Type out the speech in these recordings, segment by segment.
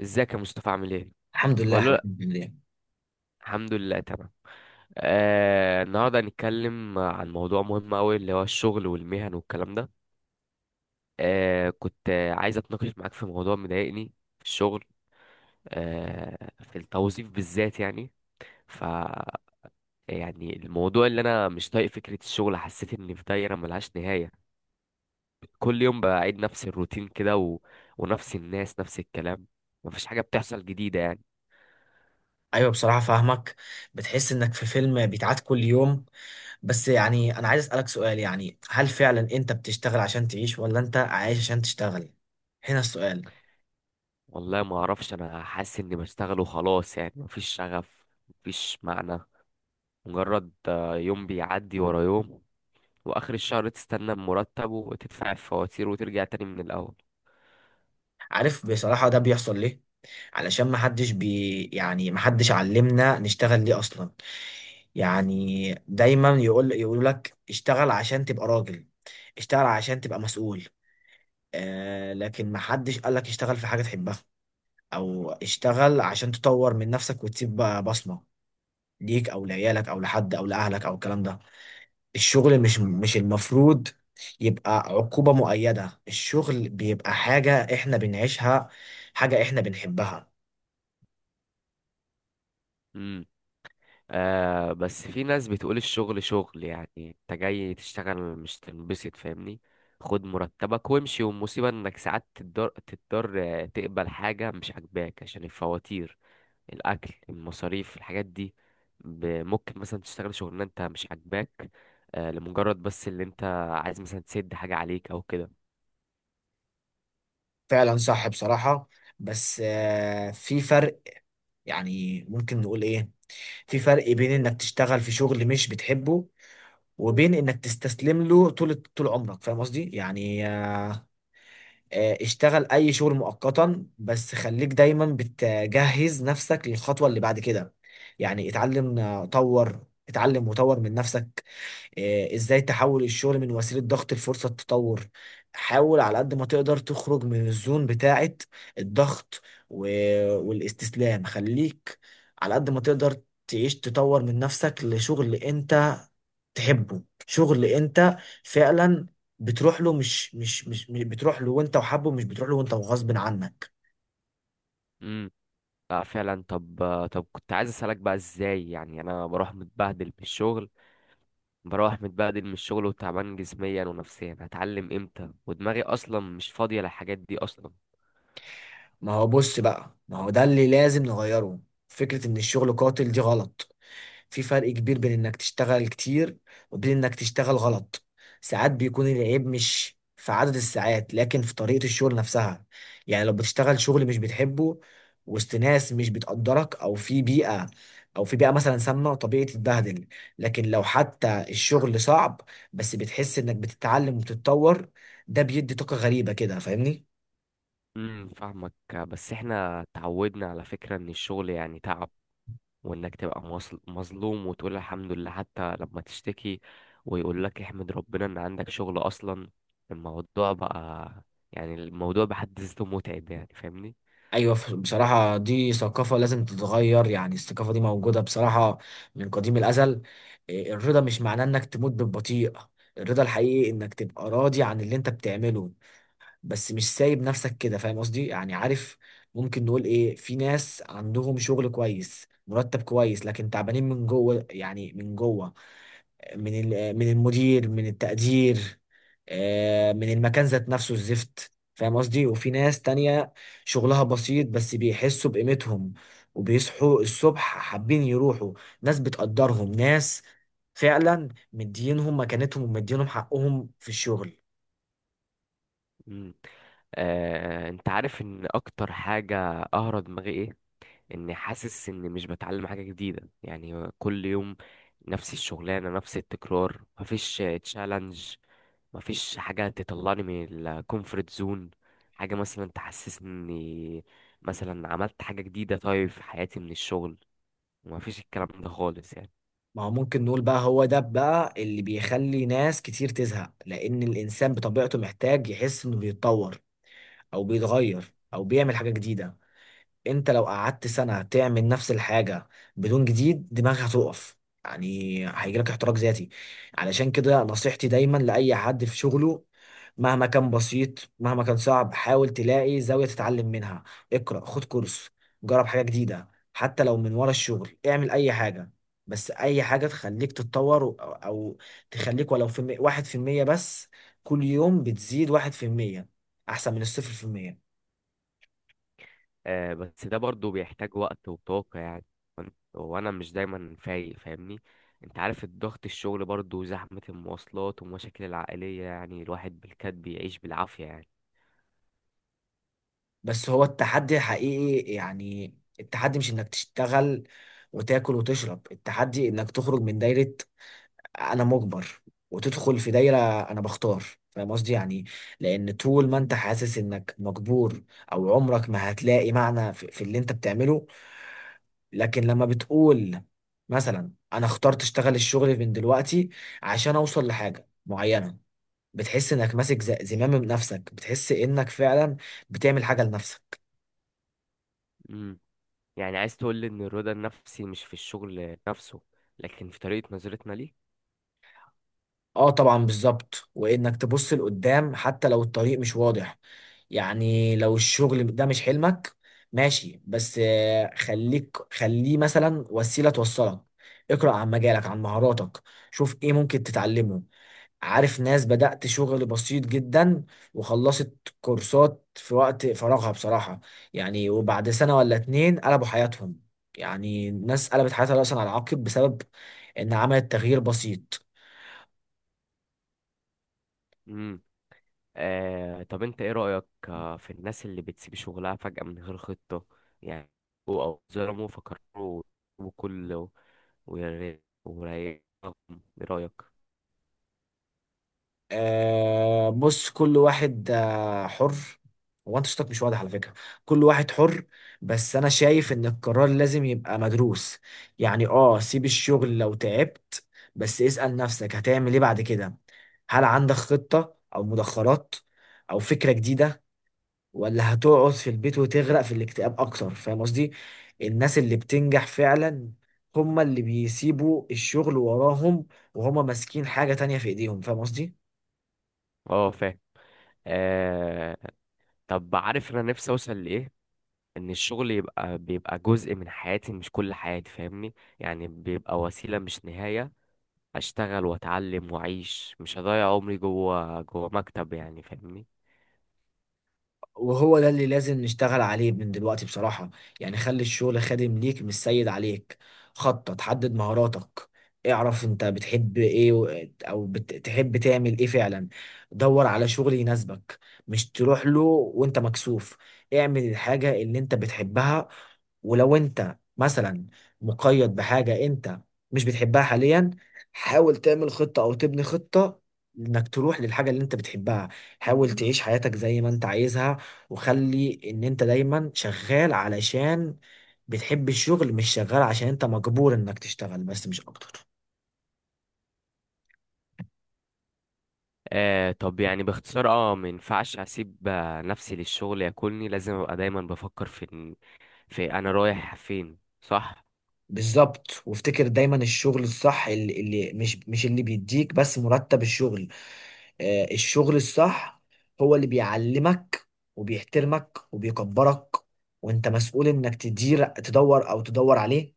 ازيك يا مصطفى؟ عامل ايه؟ الحمد لله يا ولا حبيبي، لا، عامل ايه؟ الحمد لله تمام. النهارده هنتكلم عن موضوع مهم قوي، اللي هو الشغل والمهن والكلام ده. كنت عايز اتناقش معاك في موضوع مضايقني في الشغل، آه في التوظيف بالذات يعني. ف يعني الموضوع اللي انا مش طايق فكره الشغل، حسيت اني في دايره ملهاش نهايه. كل يوم بعيد نفس الروتين كده ونفس الناس نفس الكلام، مفيش حاجه بتحصل جديده يعني. ايوه بصراحه فاهمك. بتحس انك في فيلم بيتعاد كل يوم. بس يعني انا عايز اسالك سؤال، يعني هل فعلا انت بتشتغل عشان تعيش ولا انت عايش عشان تشتغل؟ هنا السؤال. والله ما اعرفش، انا حاسس اني بشتغل وخلاص، يعني مفيش شغف مفيش معنى، مجرد يوم بيعدي ورا يوم، واخر الشهر تستنى المرتب وتدفع الفواتير وترجع تاني من الاول. عارف بصراحه ده بيحصل ليه؟ علشان ما حدش بي يعني ما حدش علمنا نشتغل ليه اصلا. يعني دايما يقول لك اشتغل عشان تبقى راجل، اشتغل عشان تبقى مسؤول. آه لكن ما حدش قال لك اشتغل في حاجه تحبها، او اشتغل عشان تطور من نفسك وتسيب بقى بصمة ليك او لعيالك او لحد او لاهلك او الكلام ده. الشغل مش المفروض يبقى عقوبة مؤيدة، الشغل بيبقى حاجة احنا بنعيشها، حاجة احنا بنحبها. امم آه بس في ناس بتقول الشغل شغل، يعني انت جاي تشتغل مش تنبسط، فاهمني؟ خد مرتبك وامشي. والمصيبة انك ساعات تضطر، تقبل حاجة مش عاجباك عشان الفواتير، الاكل المصاريف الحاجات دي. ممكن مثلا تشتغل شغلانه انت مش عاجباك، لمجرد بس اللي انت عايز مثلا تسد حاجه عليك او كده. فعلا صح بصراحة. بس في فرق، يعني ممكن نقول ايه، في فرق بين انك تشتغل في شغل مش بتحبه وبين انك تستسلم له طول عمرك، فاهم قصدي؟ يعني اشتغل اي شغل مؤقتا، بس خليك دايما بتجهز نفسك للخطوة اللي بعد كده. يعني اتعلم، طور، اتعلم وطور من نفسك. ازاي تحول الشغل من وسيلة ضغط لفرصة تطور. حاول على قد ما تقدر تخرج من الزون بتاعة الضغط، و- والاستسلام. خليك على قد ما تقدر تعيش، تطور من نفسك لشغل انت تحبه، شغل انت فعلا بتروح له، بتروح له وانت وحابه، مش بتروح له وانت وغصب عنك. امم آه فعلا. طب طب كنت عايز اسالك بقى ازاي، يعني انا بروح متبهدل من الشغل، بروح متبهدل من الشغل وتعبان جسميا ونفسيا، هتعلم امتى ودماغي اصلا مش فاضيه للحاجات دي اصلا؟ ما هو بص بقى، ما هو ده اللي لازم نغيره. فكرة ان الشغل قاتل دي غلط. في فرق كبير بين انك تشتغل كتير وبين انك تشتغل غلط. ساعات بيكون العيب مش في عدد الساعات لكن في طريقة الشغل نفسها. يعني لو بتشتغل شغل مش بتحبه وسط ناس مش بتقدرك، او في بيئة مثلا سامة، طبيعي تتبهدل. لكن لو حتى الشغل صعب بس بتحس انك بتتعلم وبتتطور، ده بيدي طاقة غريبة كده، فاهمني؟ فاهمك. بس احنا تعودنا على فكره ان الشغل يعني تعب، وانك تبقى مظلوم، وتقول الحمد لله. حتى لما تشتكي ويقول لك احمد ربنا ان عندك شغل اصلا، الموضوع بقى، يعني الموضوع بحد ذاته متعب يعني، فاهمني؟ ايوه بصراحه دي ثقافه لازم تتغير. يعني الثقافه دي موجوده بصراحه من قديم الازل. الرضا مش معناه انك تموت بالبطيء. الرضا الحقيقي انك تبقى راضي عن اللي انت بتعمله، بس مش سايب نفسك كده، فاهم قصدي؟ يعني عارف، ممكن نقول ايه، في ناس عندهم شغل كويس، مرتب كويس، لكن تعبانين من جوه، يعني من جوه، من المدير، من التقدير، من المكان ذات نفسه الزفت، فاهم قصدي؟ وفي ناس تانية شغلها بسيط بس بيحسوا بقيمتهم وبيصحوا الصبح حابين يروحوا. ناس بتقدرهم، ناس فعلا مدينهم مكانتهم ومدينهم حقهم في الشغل. مم. آه، انت عارف ان اكتر حاجة قهرة دماغي ايه؟ اني حاسس اني مش بتعلم حاجة جديدة، يعني كل يوم نفس الشغلانة نفس التكرار، مفيش تشالنج، مفيش حاجة تطلعني من الكومفورت زون، حاجة مثلا تحسسني اني مثلا عملت حاجة جديدة طيب في حياتي من الشغل. مفيش الكلام ده خالص يعني. ما هو ممكن نقول بقى هو ده بقى اللي بيخلي ناس كتير تزهق، لأن الإنسان بطبيعته محتاج يحس إنه بيتطور أو بيتغير أو بيعمل حاجة جديدة. انت لو قعدت سنة تعمل نفس الحاجة بدون جديد، دماغك هتقف، يعني هيجيلك احتراق ذاتي. علشان كده نصيحتي دايما لأي حد في شغله، مهما كان بسيط مهما كان صعب، حاول تلاقي زاوية تتعلم منها. اقرأ، خد كورس، جرب حاجة جديدة، حتى لو من ورا الشغل اعمل أي حاجة، بس أي حاجة تخليك تتطور. أو أو تخليك ولو في واحد في المية بس، كل يوم بتزيد واحد في المية أحسن من الصفر في المية. آه بس ده برضو بيحتاج وقت وطاقة يعني، وانا مش دايما فايق، فاهمني؟ انت عارف الضغط الشغل برضو، زحمة المواصلات ومشاكل العائلية، يعني الواحد بالكاد بيعيش بالعافية يعني. بس هو التحدي الحقيقي يعني، التحدي مش انك تشتغل وتاكل وتشرب، التحدي انك تخرج من دايرة انا مجبر وتدخل في دايرة انا بختار، فاهم قصدي؟ يعني لان طول ما انت حاسس انك مجبور، او عمرك ما هتلاقي معنى في اللي انت بتعمله. لكن لما بتقول مثلا انا اخترت اشتغل الشغل من دلوقتي عشان اوصل لحاجة معينة، بتحس انك ماسك زمام نفسك، بتحس انك فعلا بتعمل حاجة لنفسك. مم. يعني عايز تقول لي ان الرضا النفسي مش في الشغل نفسه، لكن في طريقة نظرتنا ليه؟ اه طبعا بالظبط، وانك تبص لقدام حتى لو الطريق مش واضح. يعني لو الشغل ده مش حلمك، ماشي، بس خليه مثلا وسيلة توصلك. اقرأ عن مجالك، عن مهاراتك، شوف ايه ممكن تتعلمه. عارف ناس بدأت شغل بسيط جدا وخلصت كورسات في وقت فراغها بصراحة، يعني وبعد سنة ولا اتنين قلبوا حياتهم. يعني ناس قلبت حياتها رأسا على عقب بسبب ان عملت تغيير بسيط. مم. آه طب انت ايه رأيك في الناس اللي بتسيب شغلها فجأة من غير خطة، يعني او أو ظلموا فكروا وكل ورايقهم، ايه رأيك؟ آه بص، كل واحد آه حر. هو انت صوتك مش واضح على فكرة. كل واحد حر، بس انا شايف ان القرار لازم يبقى مدروس. يعني اه سيب الشغل لو تعبت، بس اسأل نفسك هتعمل ايه بعد كده؟ هل عندك خطة او مدخرات او فكرة جديدة؟ ولا هتقعد في البيت وتغرق في الاكتئاب اكتر، فاهم قصدي؟ الناس اللي بتنجح فعلا هما اللي بيسيبوا الشغل وراهم وهما ماسكين حاجة تانية في ايديهم، فاهم قصدي؟ اه فاهم. آه طب عارف انا نفسي اوصل لايه؟ ان الشغل يبقى بيبقى جزء من حياتي مش كل حياتي، فاهمني؟ يعني بيبقى وسيلة مش نهاية، اشتغل واتعلم واعيش، مش هضيع عمري جوه مكتب يعني، فاهمني؟ وهو ده اللي لازم نشتغل عليه من دلوقتي بصراحة. يعني خلي الشغل خادم ليك مش سيد عليك. خطط، حدد مهاراتك، اعرف انت بتحب ايه، او بتحب تعمل ايه فعلا. دور على شغل يناسبك، مش تروح له وانت مكسوف. اعمل الحاجة اللي انت بتحبها. ولو انت مثلا مقيد بحاجة انت مش بتحبها حاليا، حاول تعمل خطة او تبني خطة انك تروح للحاجة اللي انت بتحبها. حاول تعيش حياتك زي ما انت عايزها، وخلي ان انت دايما شغال علشان بتحب الشغل، مش شغال عشان انت مجبور انك تشتغل، بس مش اكتر. آه طب يعني باختصار اه، ما ينفعش اسيب نفسي للشغل ياكلني، لازم ابقى دايما بفكر في انا رايح فين، صح؟ بالظبط، وافتكر دايما الشغل الصح، اللي مش اللي بيديك بس مرتب، الشغل آه الشغل الصح هو اللي بيعلمك وبيحترمك وبيكبرك، وانت مسؤول انك تدور او تدور عليه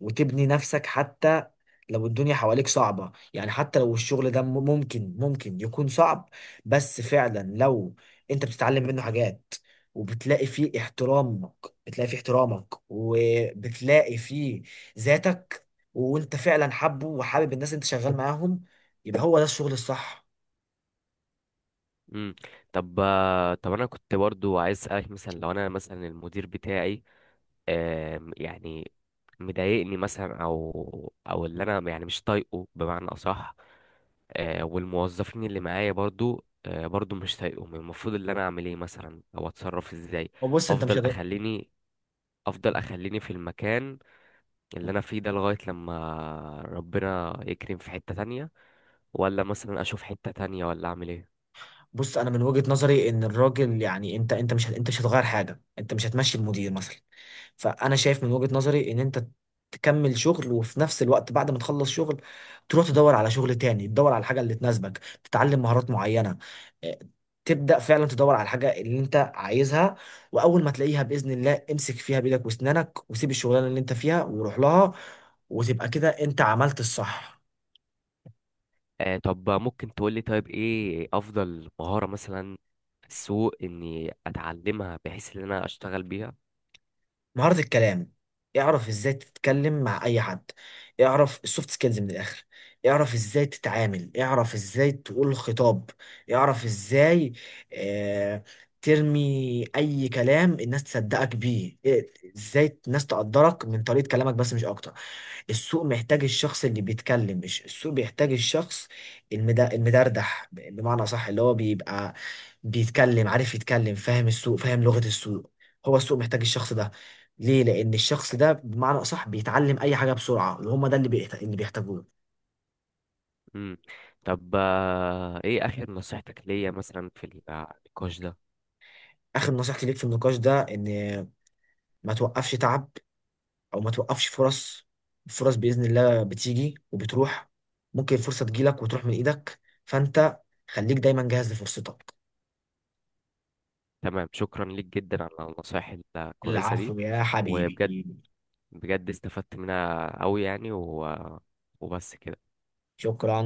وتبني نفسك. حتى لو الدنيا حواليك صعبة، يعني حتى لو الشغل ده ممكن يكون صعب، بس فعلا لو انت بتتعلم منه حاجات وبتلاقي فيه احترامك، بتلاقي فيه احترامك وبتلاقي فيه ذاتك، وانت فعلا حابه وحابب الناس اللي انت شغال معاهم، يبقى هو ده الشغل الصح. امم طب طب انا كنت برضو عايز اسالك، مثلا لو انا مثلا المدير بتاعي يعني مضايقني مثلا، او او اللي انا يعني مش طايقه بمعنى اصح، والموظفين اللي معايا برضو برضو مش طايقهم، المفروض اللي انا اعمل ايه مثلا او اتصرف ازاي؟ وبص انت مش افضل هت... اخليني، افضل اخليني في المكان اللي انا فيه ده لغاية لما ربنا يكرم في حتة تانية، ولا مثلا اشوف حتة تانية، ولا اعمل ايه؟ بص انا من وجهة نظري ان الراجل يعني انت، انت مش هت- انت مش هتغير حاجه، انت مش هتمشي المدير مثلا. فانا شايف من وجهة نظري ان انت تكمل شغل، وفي نفس الوقت بعد ما تخلص شغل تروح تدور على شغل تاني، تدور على الحاجه اللي تناسبك، تتعلم مهارات معينه. آه، تبدا فعلا تدور على الحاجه اللي انت عايزها، واول ما تلاقيها باذن الله امسك فيها بايدك واسنانك وسيب الشغلانه اللي انت فيها وروح لها، وتبقى كده انت عملت الصح. آه طب ممكن تقولي، طيب ايه افضل مهارة مثلا في السوق اني اتعلمها بحيث ان انا اشتغل بيها؟ مهارة الكلام، اعرف ازاي تتكلم مع اي حد، اعرف السوفت سكيلز من الاخر، اعرف ازاي تتعامل، اعرف ازاي تقول خطاب، اعرف ازاي آه ترمي اي كلام الناس تصدقك بيه، ازاي الناس تقدرك من طريقة كلامك، بس مش اكتر. السوق محتاج الشخص اللي بيتكلم، مش السوق بيحتاج الشخص المدردح، بمعنى صح اللي هو بيبقى بيتكلم، عارف يتكلم، فاهم السوق، فاهم لغة السوق. هو السوق محتاج الشخص ده ليه؟ لأن الشخص ده بمعنى صح بيتعلم أي حاجة بسرعة، وهم ده اللي بيحتاجوه. امم طب آه ايه اخر نصيحتك ليا مثلا في النقاش ده؟ آخر نصيحتي ليك في النقاش ده إن ما توقفش تعب، أو ما توقفش فرص. الفرص بإذن الله بتيجي وبتروح، ممكن الفرصة تجيلك وتروح من إيدك، فأنت خليك دايما جاهز لفرصتك. تمام، شكرا ليك جدا على النصائح الكويسة دي. العفو يا حبيبي. وبجد، بجد استفدت منها قوي يعني وبس كده. شكرا.